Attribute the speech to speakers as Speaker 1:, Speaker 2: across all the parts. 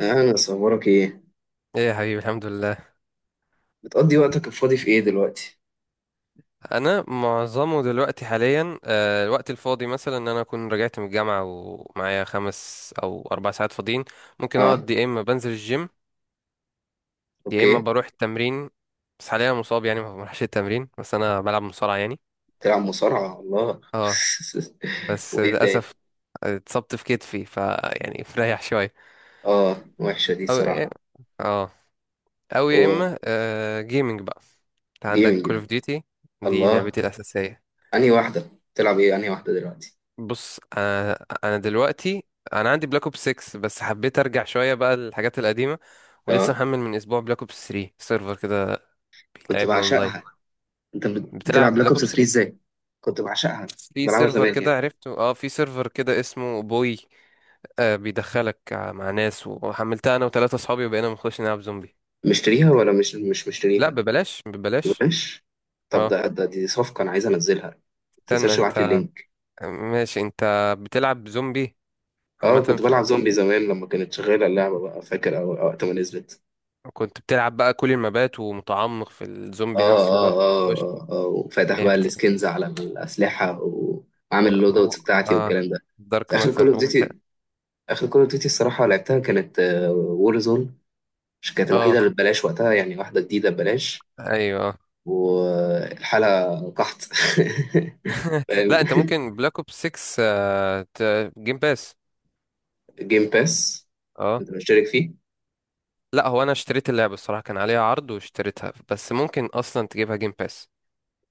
Speaker 1: انا اصورك ايه؟
Speaker 2: ايه يا حبيبي، الحمد لله.
Speaker 1: بتقضي وقتك الفاضي في ايه دلوقتي؟
Speaker 2: انا معظمه دلوقتي حاليا الوقت الفاضي مثلا ان انا اكون رجعت من الجامعه ومعايا خمس او اربع ساعات فاضيين. ممكن
Speaker 1: اه.
Speaker 2: اقعد يا اما بنزل الجيم، يا اما
Speaker 1: اوكي.
Speaker 2: بروح التمرين. بس حاليا مصاب يعني ما بروحش التمرين، بس انا بلعب مصارعه يعني.
Speaker 1: تلعب مصارعة؟ الله.
Speaker 2: اه بس
Speaker 1: وايه تاني؟
Speaker 2: للاسف اتصبت في كتفي ف يعني فريح شويه.
Speaker 1: اه، وحشة دي
Speaker 2: او إيه،
Speaker 1: صراحة.
Speaker 2: اه، او يا
Speaker 1: هو.
Speaker 2: اما جيمنج بقى. انت عندك
Speaker 1: جيمنج
Speaker 2: كول
Speaker 1: ده؟
Speaker 2: اوف ديوتي؟ دي
Speaker 1: الله.
Speaker 2: لعبتي الاساسيه.
Speaker 1: انهي واحدة بتلعب ايه؟ انهي واحدة دلوقتي؟
Speaker 2: بص، انا دلوقتي انا عندي بلاك اوبس 6، بس حبيت ارجع شويه بقى للحاجات القديمه. ولسه
Speaker 1: اه،
Speaker 2: محمل من اسبوع بلاك اوبس 3 سيرفر كده
Speaker 1: كنت
Speaker 2: بيلعبنا اونلاين.
Speaker 1: بعشقها. انت بتلعب
Speaker 2: بتلعب
Speaker 1: بلاك
Speaker 2: بلاك
Speaker 1: اوبس
Speaker 2: اوبس
Speaker 1: 3
Speaker 2: 3؟
Speaker 1: ازاي؟ كنت بعشقها، كنت
Speaker 2: في
Speaker 1: بلعبها
Speaker 2: سيرفر
Speaker 1: زمان
Speaker 2: كده
Speaker 1: يعني.
Speaker 2: عرفته، اه في سيرفر كده اسمه بوي. آه، بيدخلك مع ناس، وحملتها انا وثلاثه اصحابي وبقينا بنخش نلعب زومبي.
Speaker 1: مشتريها ولا مش
Speaker 2: لا،
Speaker 1: مشتريها؟
Speaker 2: ببلاش ببلاش.
Speaker 1: ماشي. طب
Speaker 2: اه،
Speaker 1: ده، دي صفقة انا عايز انزلها. ما
Speaker 2: استنى
Speaker 1: تنساش تبعت لي
Speaker 2: انت.
Speaker 1: اللينك.
Speaker 2: ماشي انت بتلعب زومبي عامه
Speaker 1: اه، كنت
Speaker 2: في بلاك
Speaker 1: بلعب
Speaker 2: اوبس
Speaker 1: زومبي
Speaker 2: 3؟
Speaker 1: زمان لما كانت شغالة اللعبة بقى، فاكر وقت ما نزلت.
Speaker 2: كنت بتلعب بقى كل المبات ومتعمق في الزومبي
Speaker 1: اه،
Speaker 2: نفسه
Speaker 1: اه،
Speaker 2: بقى.
Speaker 1: اه، اه، اه، وفاتح
Speaker 2: يعني
Speaker 1: بقى
Speaker 2: بت...
Speaker 1: السكنز على الاسلحه وعامل اللود
Speaker 2: و...
Speaker 1: اوتس بتاعتي
Speaker 2: اه،
Speaker 1: والكلام ده.
Speaker 2: دارك
Speaker 1: في اخر
Speaker 2: ماتر
Speaker 1: كول اوف
Speaker 2: وبت...
Speaker 1: ديوتي، اخر كول اوف ديوتي الصراحه لعبتها كانت وور زون. مش كانت
Speaker 2: اه
Speaker 1: الوحيده اللي ببلاش وقتها يعني، واحده جديده ببلاش
Speaker 2: ايوه آه.
Speaker 1: والحاله قحط. فاهم.
Speaker 2: لا انت ممكن بلاك اوب 6 ت... جيم باس.
Speaker 1: جيم باس،
Speaker 2: اه.
Speaker 1: كنت بشترك فيه.
Speaker 2: لا هو انا اشتريت اللعبه الصراحه كان عليها عرض واشتريتها، بس ممكن اصلا تجيبها جيم باس.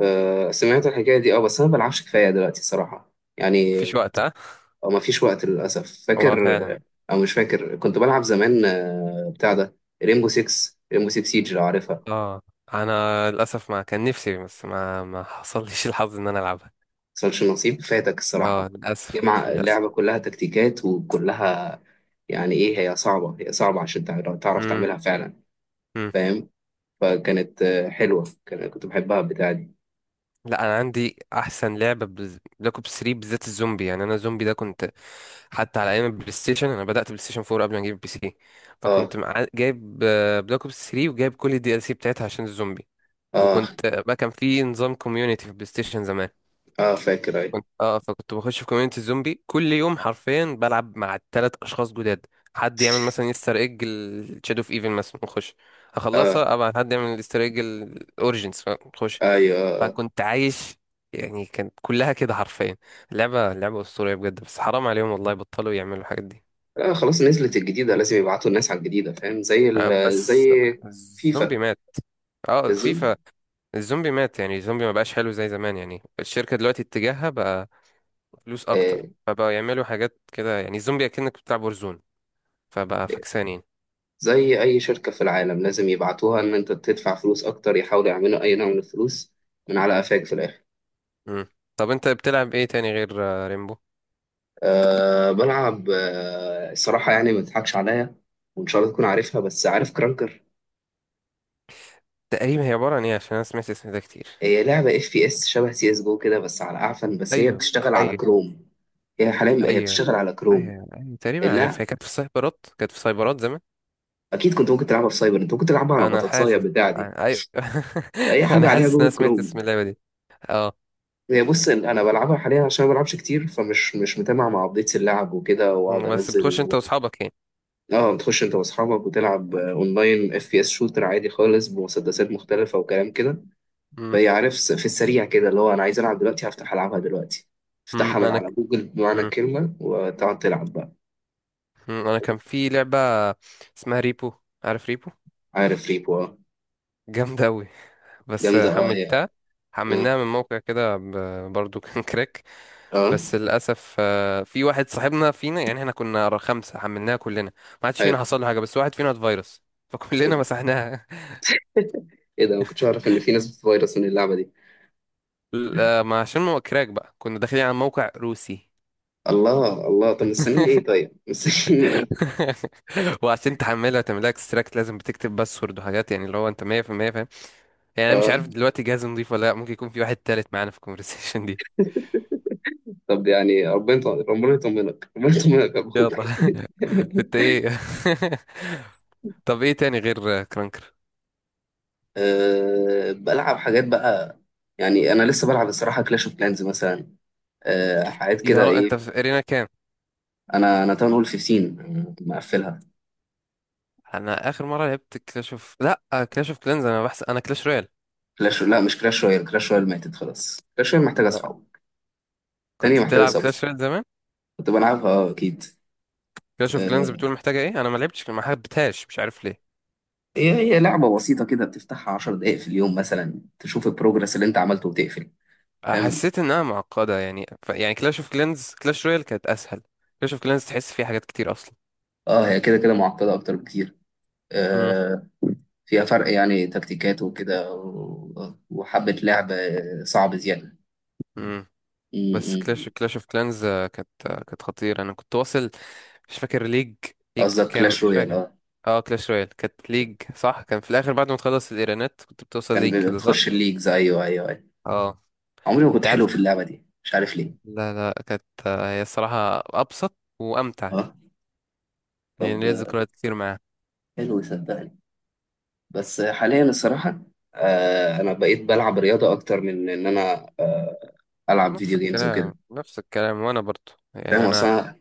Speaker 1: سمعت الحكايه دي. اه، بس انا ما بلعبش كفايه دلوقتي الصراحه يعني.
Speaker 2: مفيش وقت ها؟
Speaker 1: او ما فيش وقت للاسف، فاكر
Speaker 2: هو فعلا.
Speaker 1: او مش فاكر، كنت بلعب زمان، بتاع ده، ريمبو 6، ريمبو 6 سيج، لو عارفها.
Speaker 2: اه انا للاسف ما كان نفسي، بس ما حصلليش الحظ ان انا العبها.
Speaker 1: مصلش نصيب، فاتك
Speaker 2: اه
Speaker 1: الصراحه.
Speaker 2: للاسف.
Speaker 1: جمع
Speaker 2: للاسف.
Speaker 1: اللعبه كلها تكتيكات وكلها يعني. ايه، هي صعبه عشان تعرف
Speaker 2: امم،
Speaker 1: تعملها فعلا. فاهم. فكانت حلوه، كنت بحبها البتاعه دي.
Speaker 2: لا انا عندي احسن لعبه بلاك اوبس 3، بالذات الزومبي. يعني انا زومبي ده كنت حتى على ايام البلاي ستيشن. انا بدات بلاي ستيشن 4 قبل ما اجيب بي سي.
Speaker 1: اه،
Speaker 2: فكنت مع... جايب بلاك اوبس 3 وجايب كل الدي ال سي بتاعتها عشان الزومبي.
Speaker 1: اه،
Speaker 2: وكنت بقى كان في نظام كوميونيتي في البلاي ستيشن زمان.
Speaker 1: اه، فاكر، ايوه،
Speaker 2: كنت اه فكنت بخش في كوميونيتي الزومبي كل يوم حرفيا بلعب مع ثلاث اشخاص جداد. حد يعمل مثلا يستر ايج الشادو اوف ايفل مثلا نخش
Speaker 1: اه،
Speaker 2: اخلصها، ابعت حد يعمل الاستر ايج الاوريجينز نخش.
Speaker 1: ايوه، آه،
Speaker 2: فكنت عايش يعني، كانت كلها كده حرفيا. لعبة لعبة أسطورية بجد، بس حرام عليهم والله بطلوا يعملوا الحاجات دي.
Speaker 1: آه، آه، خلاص نزلت الجديده، لازم يبعتوا الناس على الجديده، فاهم، زي
Speaker 2: بس
Speaker 1: فيفا،
Speaker 2: الزومبي مات. اه
Speaker 1: زي
Speaker 2: فيفا. الزومبي مات، يعني الزومبي ما بقاش حلو زي زمان. يعني الشركة دلوقتي اتجاهها بقى فلوس
Speaker 1: آه.
Speaker 2: أكتر، فبقوا يعملوا حاجات كده يعني الزومبي أكنك بتلعب ورزون. فبقى فكسان يعني.
Speaker 1: زي أي شركة في العالم لازم يبعتوها إن أنت تدفع فلوس أكتر، يحاولوا يعملوا أي نوع من الفلوس من على قفاك في الآخر.
Speaker 2: مم. طب أنت بتلعب إيه تاني غير ريمبو؟
Speaker 1: أه، بلعب الصراحة يعني، ما تضحكش عليا. وإن شاء الله تكون عارفها، بس عارف كرانكر؟
Speaker 2: تقريبا هي عبارة عن إيه؟ عشان أنا سمعت اسم ده كتير.
Speaker 1: هي لعبة اف بي اس شبه سي اس جو كده بس على أعفن، بس هي
Speaker 2: أيوه،
Speaker 1: بتشتغل على
Speaker 2: أيوه،
Speaker 1: كروم. هي حاليا هي
Speaker 2: أيوه،
Speaker 1: بتشتغل على كروم.
Speaker 2: أيوه، أيوه، تقريبا عارفها. هي
Speaker 1: لا،
Speaker 2: كانت في السايبرات، كانت في سايبرات زمان.
Speaker 1: أكيد كنت ممكن تلعبها في سايبر، أنت ممكن تلعبها على
Speaker 2: انا
Speaker 1: بطاطساية
Speaker 2: حاسس،
Speaker 1: بتاع دي.
Speaker 2: ايوه
Speaker 1: أي
Speaker 2: انا
Speaker 1: حاجة عليها
Speaker 2: حاسس ان انا
Speaker 1: جوجل
Speaker 2: سمعت
Speaker 1: كروم.
Speaker 2: اسم اللعبه دي. اه.
Speaker 1: هي، بص انا بلعبها حاليا عشان ما بلعبش كتير، فمش مش متابع مع ابديتس اللعب وكده، واقعد
Speaker 2: مم، بس بتخش انت
Speaker 1: انزل.
Speaker 2: واصحابك يعني.
Speaker 1: اه، بتخش انت واصحابك وتلعب اونلاين، اف بي اس شوتر عادي خالص بمسدسات مختلفه وكلام كده.
Speaker 2: مم،
Speaker 1: فهي، عارف، في السريع كده اللي هو انا عايز العب دلوقتي هفتح العبها دلوقتي،
Speaker 2: مم،
Speaker 1: افتحها من
Speaker 2: انا
Speaker 1: على
Speaker 2: ك-
Speaker 1: جوجل بمعنى
Speaker 2: مم،
Speaker 1: الكلمه وتقعد تلعب بقى.
Speaker 2: مم، انا كان في لعبه اسمها ريبو. عارف ريبو؟
Speaker 1: عارف ريبو، اه.
Speaker 2: جامده قوي. بس
Speaker 1: جامده، اه. يا،
Speaker 2: حملتها،
Speaker 1: اه،
Speaker 2: حملناها من موقع كده ب- برضو كان كراك.
Speaker 1: آه،
Speaker 2: بس للاسف في واحد صاحبنا فينا، يعني احنا كنا خمسه حملناها كلنا، ما حدش فينا
Speaker 1: حلو.
Speaker 2: حصل له حاجه بس واحد فينا اتفيرس. فكلنا مسحناها.
Speaker 1: ايه ده؟ ما كنتش اعرف ان في ناس فيروس من اللعبه دي.
Speaker 2: لا، ما عشان هو كراك بقى كنا داخلين على موقع روسي.
Speaker 1: الله، الله. طب مستنيين ايه؟ طيب مستنيين ايه؟
Speaker 2: وعشان تحملها وتعملها اكستراكت لازم بتكتب باسورد وحاجات، يعني اللي هو انت 100% فاهم. يعني انا مش عارف
Speaker 1: اه.
Speaker 2: دلوقتي جهاز نضيف ولا لا، ممكن يكون في واحد تالت معانا في الكونفرسيشن دي.
Speaker 1: طب يعني، ربنا ربنا يطمنك، ربنا يطمنك يا ابوك.
Speaker 2: يلا انت ايه طب ايه تاني غير كرانكر؟
Speaker 1: أه، بلعب حاجات بقى يعني، انا لسه بلعب الصراحه كلاش اوف كلانز مثلا. أه، حاجات
Speaker 2: يا
Speaker 1: كده،
Speaker 2: را انت
Speaker 1: ايه.
Speaker 2: في ارينا كام؟
Speaker 1: انا تاون هول 15، مقفلها.
Speaker 2: انا اخر مره لعبت كلاش اوف، لا، كلاش اوف كلانز. انا بحس انا كلاش رويال.
Speaker 1: كلاش، لا، مش كلاش رويال، كلاش رويال ماتت، خلاص كلاش رويال محتاجه
Speaker 2: لا،
Speaker 1: اصحاب تانية،
Speaker 2: كنت
Speaker 1: محتاجه
Speaker 2: بتلعب
Speaker 1: صبر.
Speaker 2: كلاش رويال زمان.
Speaker 1: كنت بلعبها، اكيد.
Speaker 2: كلاش اوف كلانز
Speaker 1: أه،
Speaker 2: بتقول محتاجه ايه؟ انا ما لعبتش، ما حبيتهاش، مش عارف.
Speaker 1: هي لعبه بسيطه كده، بتفتحها 10 دقائق في اليوم مثلا، تشوف البروجرس اللي انت عملته وتقفل. فاهم.
Speaker 2: حسيت انها معقده يعني ف... يعني كلاش اوف كلانز، كلاش رويال كانت اسهل. كلاش اوف كلانز تحس فيها حاجات كتير اصلا.
Speaker 1: اه، هي كده كده معقده اكتر بكتير.
Speaker 2: امم.
Speaker 1: أه، فيها فرق يعني، تكتيكات وكده، وحبه لعب صعب زياده.
Speaker 2: امم. بس كلاش
Speaker 1: امم.
Speaker 2: كلاش اوف كلانز كانت كانت خطيره. انا كنت واصل، مش فاكر ليج، ليج
Speaker 1: قصدك
Speaker 2: كام
Speaker 1: كلاش
Speaker 2: مش
Speaker 1: رويال،
Speaker 2: فاكر.
Speaker 1: اه.
Speaker 2: اه كلاش رويال كانت ليج صح، كان في الاخر بعد ما تخلص الايرانات كنت بتوصل ليج
Speaker 1: كان
Speaker 2: كده صح.
Speaker 1: بتخش الليجز، ايوه، ايوه، ايوه.
Speaker 2: اه.
Speaker 1: عمري ما كنت
Speaker 2: انت
Speaker 1: حلو
Speaker 2: عارف،
Speaker 1: في اللعبه دي، مش عارف ليه.
Speaker 2: لا لا، كانت هي الصراحه ابسط وامتع.
Speaker 1: اه،
Speaker 2: يعني
Speaker 1: طب
Speaker 2: ليا ذكريات كتير معاها.
Speaker 1: حلو صدقني. بس حاليا الصراحه، آه، انا بقيت بلعب رياضه اكتر من ان انا العب
Speaker 2: نفس
Speaker 1: فيديو جيمز وكده.
Speaker 2: الكلام، نفس الكلام، وانا برضو يعني
Speaker 1: فاهم
Speaker 2: انا.
Speaker 1: اصلا،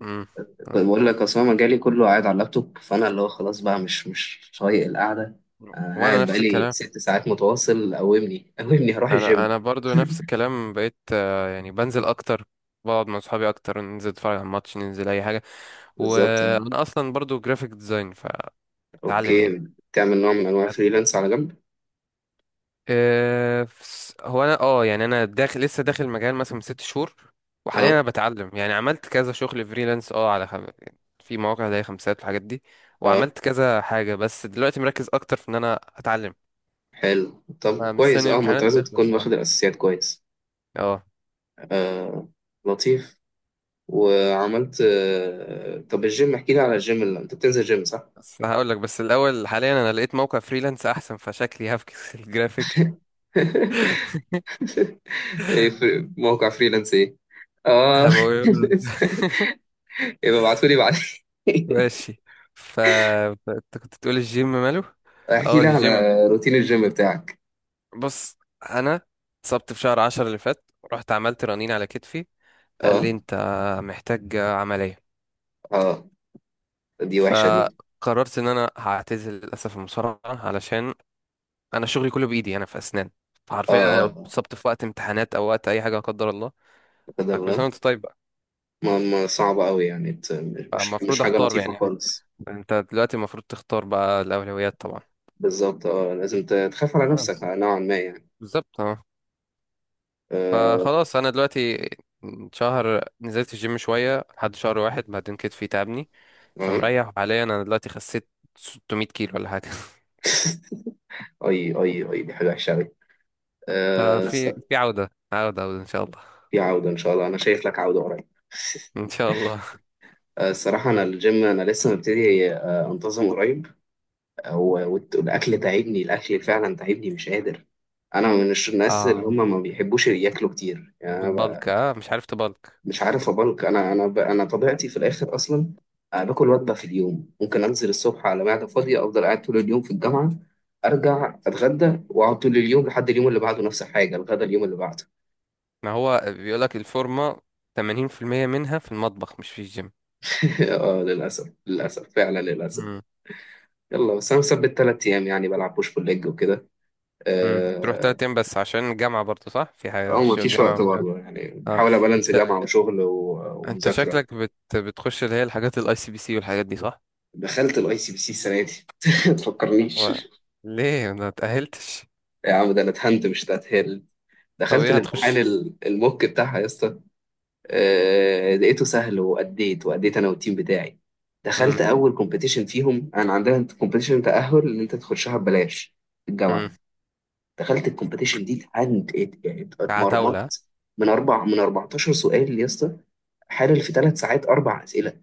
Speaker 2: مم.
Speaker 1: بقول لك اصلا مجالي كله قاعد على اللابتوب، فانا اللي هو خلاص بقى مش طايق القعده. انا
Speaker 2: وانا
Speaker 1: قاعد
Speaker 2: نفس
Speaker 1: بقالي
Speaker 2: الكلام،
Speaker 1: 6 ساعات متواصل، قومني قومني هروح
Speaker 2: انا
Speaker 1: الجيم.
Speaker 2: انا برضو نفس الكلام. بقيت يعني بنزل اكتر، بقعد مع صحابي اكتر، ننزل نتفرج على الماتش، ننزل اي حاجه.
Speaker 1: بالظبط، اه.
Speaker 2: وانا اصلا برضو جرافيك ديزاين. فاتعلم
Speaker 1: اوكي.
Speaker 2: يعني.
Speaker 1: بتعمل نوع من انواع فريلانس على جنب؟
Speaker 2: فس- هو انا اه، يعني انا داخل، لسه داخل المجال مثلا من ست شهور.
Speaker 1: اه،
Speaker 2: وحاليا انا بتعلم، يعني عملت كذا شغل فريلانس اه على خم... في مواقع زي خمسات والحاجات دي.
Speaker 1: اه،
Speaker 2: وعملت كذا حاجه، بس دلوقتي مركز اكتر في ان انا اتعلم.
Speaker 1: حلو، طب
Speaker 2: أنا
Speaker 1: كويس.
Speaker 2: مستني
Speaker 1: اه، ما انت
Speaker 2: الامتحانات
Speaker 1: لازم
Speaker 2: تخلص.
Speaker 1: تكون
Speaker 2: اه.
Speaker 1: واخد الاساسيات كويس.
Speaker 2: اه
Speaker 1: آه، لطيف. وعملت آه طب الجيم، احكي لي على الجيم، اللي انت بتنزل جيم صح؟
Speaker 2: بس انا هقول لك بس الاول، حاليا انا لقيت موقع فريلانس احسن فشكلي هفكس الجرافيك.
Speaker 1: ايه، في موقع فريلانس ايه؟ اه.
Speaker 2: هبقول.
Speaker 1: لسه. يبقى ابعتولي بعدين.
Speaker 2: ماشي. ف انت كنت تقول الجيم ماله.
Speaker 1: احكي
Speaker 2: اه
Speaker 1: لي على
Speaker 2: الجيم.
Speaker 1: روتين الجيم بتاعك.
Speaker 2: بص، انا اتصبت في شهر عشرة اللي فات، رحت عملت رنين على كتفي، قال لي
Speaker 1: اه،
Speaker 2: انت محتاج عملية.
Speaker 1: اه، دي وحشة دي.
Speaker 2: فقررت ان انا هعتزل للاسف المصارعة، علشان انا شغلي كله بايدي، انا في اسنان.
Speaker 1: اه،
Speaker 2: فحرفيا انا
Speaker 1: اه،
Speaker 2: لو اتصبت في وقت امتحانات او وقت اي حاجة لا قدر الله.
Speaker 1: لا قدر
Speaker 2: فكل سنة
Speaker 1: الله.
Speaker 2: وانت طيب.
Speaker 1: ما صعبة قوي يعني، مش
Speaker 2: المفروض
Speaker 1: حاجة
Speaker 2: اختار
Speaker 1: لطيفة
Speaker 2: يعني،
Speaker 1: خالص.
Speaker 2: انت دلوقتي المفروض تختار بقى الاولويات طبعا.
Speaker 1: بالظبط، اه، لازم تخاف على نفسك
Speaker 2: خلاص،
Speaker 1: نوعا ما يعني.
Speaker 2: بالظبط اه.
Speaker 1: آه،
Speaker 2: فخلاص انا دلوقتي شهر نزلت الجيم شويه لحد شهر واحد، بعدين كتفي تعبني.
Speaker 1: اه.
Speaker 2: فمريح حاليا. انا دلوقتي خسيت 600 كيلو ولا حاجه
Speaker 1: اي اي اي، دي حاجه وحشه قوي. أه.
Speaker 2: ففي في عوده، عوده، عوده ان شاء الله.
Speaker 1: في عوده ان شاء الله، انا شايف لك عوده قريب.
Speaker 2: ان شاء الله.
Speaker 1: الصراحة، أنا الجيم أنا لسه مبتدي، أنتظم قريب. والأكل تعبني، الأكل فعلا تعبني، مش قادر. أنا من الناس اللي
Speaker 2: اه
Speaker 1: هم ما بيحبوش ياكلوا كتير يعني، أنا.
Speaker 2: بتبلك؟ اه مش عارف تبلك.
Speaker 1: مش عارف أبلك، أنا. أنا طبيعتي في الآخر أصلا. باكل وجبة في اليوم، ممكن أنزل الصبح على معدة فاضية، أفضل قاعد طول اليوم في الجامعة، أرجع أتغدى وأقعد طول اليوم لحد اليوم اللي بعده نفس الحاجة، الغدا اليوم اللي بعده.
Speaker 2: ما هو بيقولك الفورمه 80% منها في المطبخ مش في الجيم.
Speaker 1: اه، للأسف، للأسف، فعلا للأسف. يلا، بس أنا مثبت 3 أيام، يعني بلعب بوش بول ليج وكده.
Speaker 2: امم، تروح
Speaker 1: اه.
Speaker 2: تلات ايام بس عشان الجامعة؟ برضه صح، في حاجة في
Speaker 1: مفيش
Speaker 2: الجامعة
Speaker 1: وقت
Speaker 2: ولا-
Speaker 1: برضه يعني،
Speaker 2: اه
Speaker 1: بحاول أبالانس
Speaker 2: انت،
Speaker 1: جامعة وشغل
Speaker 2: انت
Speaker 1: ومذاكرة.
Speaker 2: شكلك بت... بتخش اللي هي الحاجات الاي سي بي سي والحاجات دي صح؟
Speaker 1: دخلت الاي سي بي سي السنة دي. ما تفكرنيش.
Speaker 2: و... ليه ما تأهلتش؟
Speaker 1: يا عم ده أنا اتهنت مش تتهل.
Speaker 2: طب
Speaker 1: دخلت
Speaker 2: ايه
Speaker 1: الامتحان
Speaker 2: هتخش؟
Speaker 1: الموك بتاعها يا اسطى. لقيته سهل، وأديت وأديت أنا والتيم بتاعي.
Speaker 2: امم.
Speaker 1: دخلت أول كومبيتيشن فيهم، أنا عندنا كومبيتيشن تأهل إن أنت تخشها ببلاش في
Speaker 2: امم.
Speaker 1: الجامعة. دخلت الكومبيتيشن دي، اتعند،
Speaker 2: عتاولة ها؟
Speaker 1: اتمرمطت. من 14 سؤال يا اسطى، حلل في 3 ساعات 4 اسئله.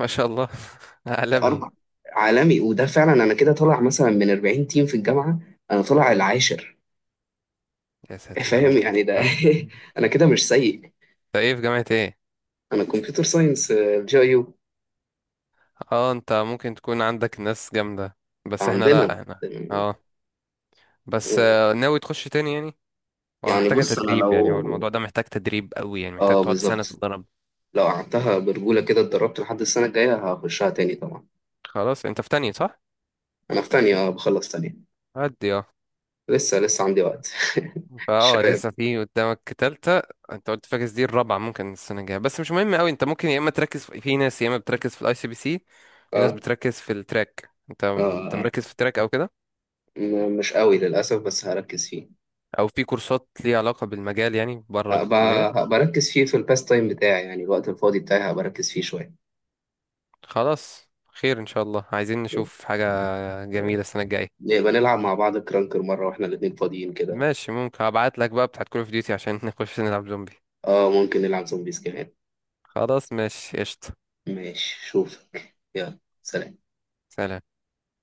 Speaker 2: ما شاء الله. عالمي.
Speaker 1: اربع، عالمي. وده فعلا، انا كده طالع مثلا من 40 تيم في الجامعه، انا طالع العاشر.
Speaker 2: يا ساتر يا
Speaker 1: فاهم
Speaker 2: رب.
Speaker 1: يعني ده.
Speaker 2: آه. انت
Speaker 1: انا كده مش سيء.
Speaker 2: ايه، في جامعة ايه؟
Speaker 1: انا كمبيوتر ساينس الجايو.
Speaker 2: اه انت ممكن تكون عندك ناس جامدة، بس احنا
Speaker 1: عندنا.
Speaker 2: لا، احنا اه. بس ناوي تخش تاني يعني؟ هو
Speaker 1: يعني
Speaker 2: محتاجة
Speaker 1: بص انا
Speaker 2: تدريب، يعني هو
Speaker 1: لو،
Speaker 2: الموضوع ده محتاج تدريب قوي، يعني محتاج
Speaker 1: اه،
Speaker 2: تقعد سنة
Speaker 1: بالظبط،
Speaker 2: تتدرب.
Speaker 1: لو قعدتها برجوله كده اتدربت لحد السنه الجايه، هخشها تاني طبعا.
Speaker 2: خلاص انت في تانية صح؟
Speaker 1: انا في تانية، بخلص تانية.
Speaker 2: عدي اه.
Speaker 1: لسه لسه عندي وقت.
Speaker 2: فاه
Speaker 1: شباب.
Speaker 2: لسه في قدامك تالتة. انت قلت فاكس دي الرابعة ممكن السنة الجاية. بس مش مهم قوي، انت ممكن يا اما تركز في, في ناس يا اما بتركز في الاي سي بي سي، في ناس
Speaker 1: اه،
Speaker 2: بتركز في التراك. انت
Speaker 1: اه،
Speaker 2: انت
Speaker 1: آه.
Speaker 2: مركز في التراك او كده،
Speaker 1: مش قوي للأسف، بس هركز فيه.
Speaker 2: او في كورسات ليها علاقة بالمجال يعني بره
Speaker 1: هبقى
Speaker 2: الكلية.
Speaker 1: هبقى أركز فيه في الباس تايم بتاعي، يعني الوقت الفاضي بتاعي هبقى أركز فيه شوية.
Speaker 2: خلاص، خير ان شاء الله. عايزين نشوف حاجة
Speaker 1: آه.
Speaker 2: جميلة السنة الجاية.
Speaker 1: نبقى نلعب مع بعض كرانكر مرة واحنا الاتنين فاضيين كده.
Speaker 2: ماشي، ممكن هبعت لك بقى بتاعت كول اوف ديوتي عشان نخش نلعب زومبي.
Speaker 1: اه، ممكن نلعب زومبيز كمان.
Speaker 2: خلاص ماشي، قشطة.
Speaker 1: ماشي، شوفك، يلا، سلام.
Speaker 2: سلام.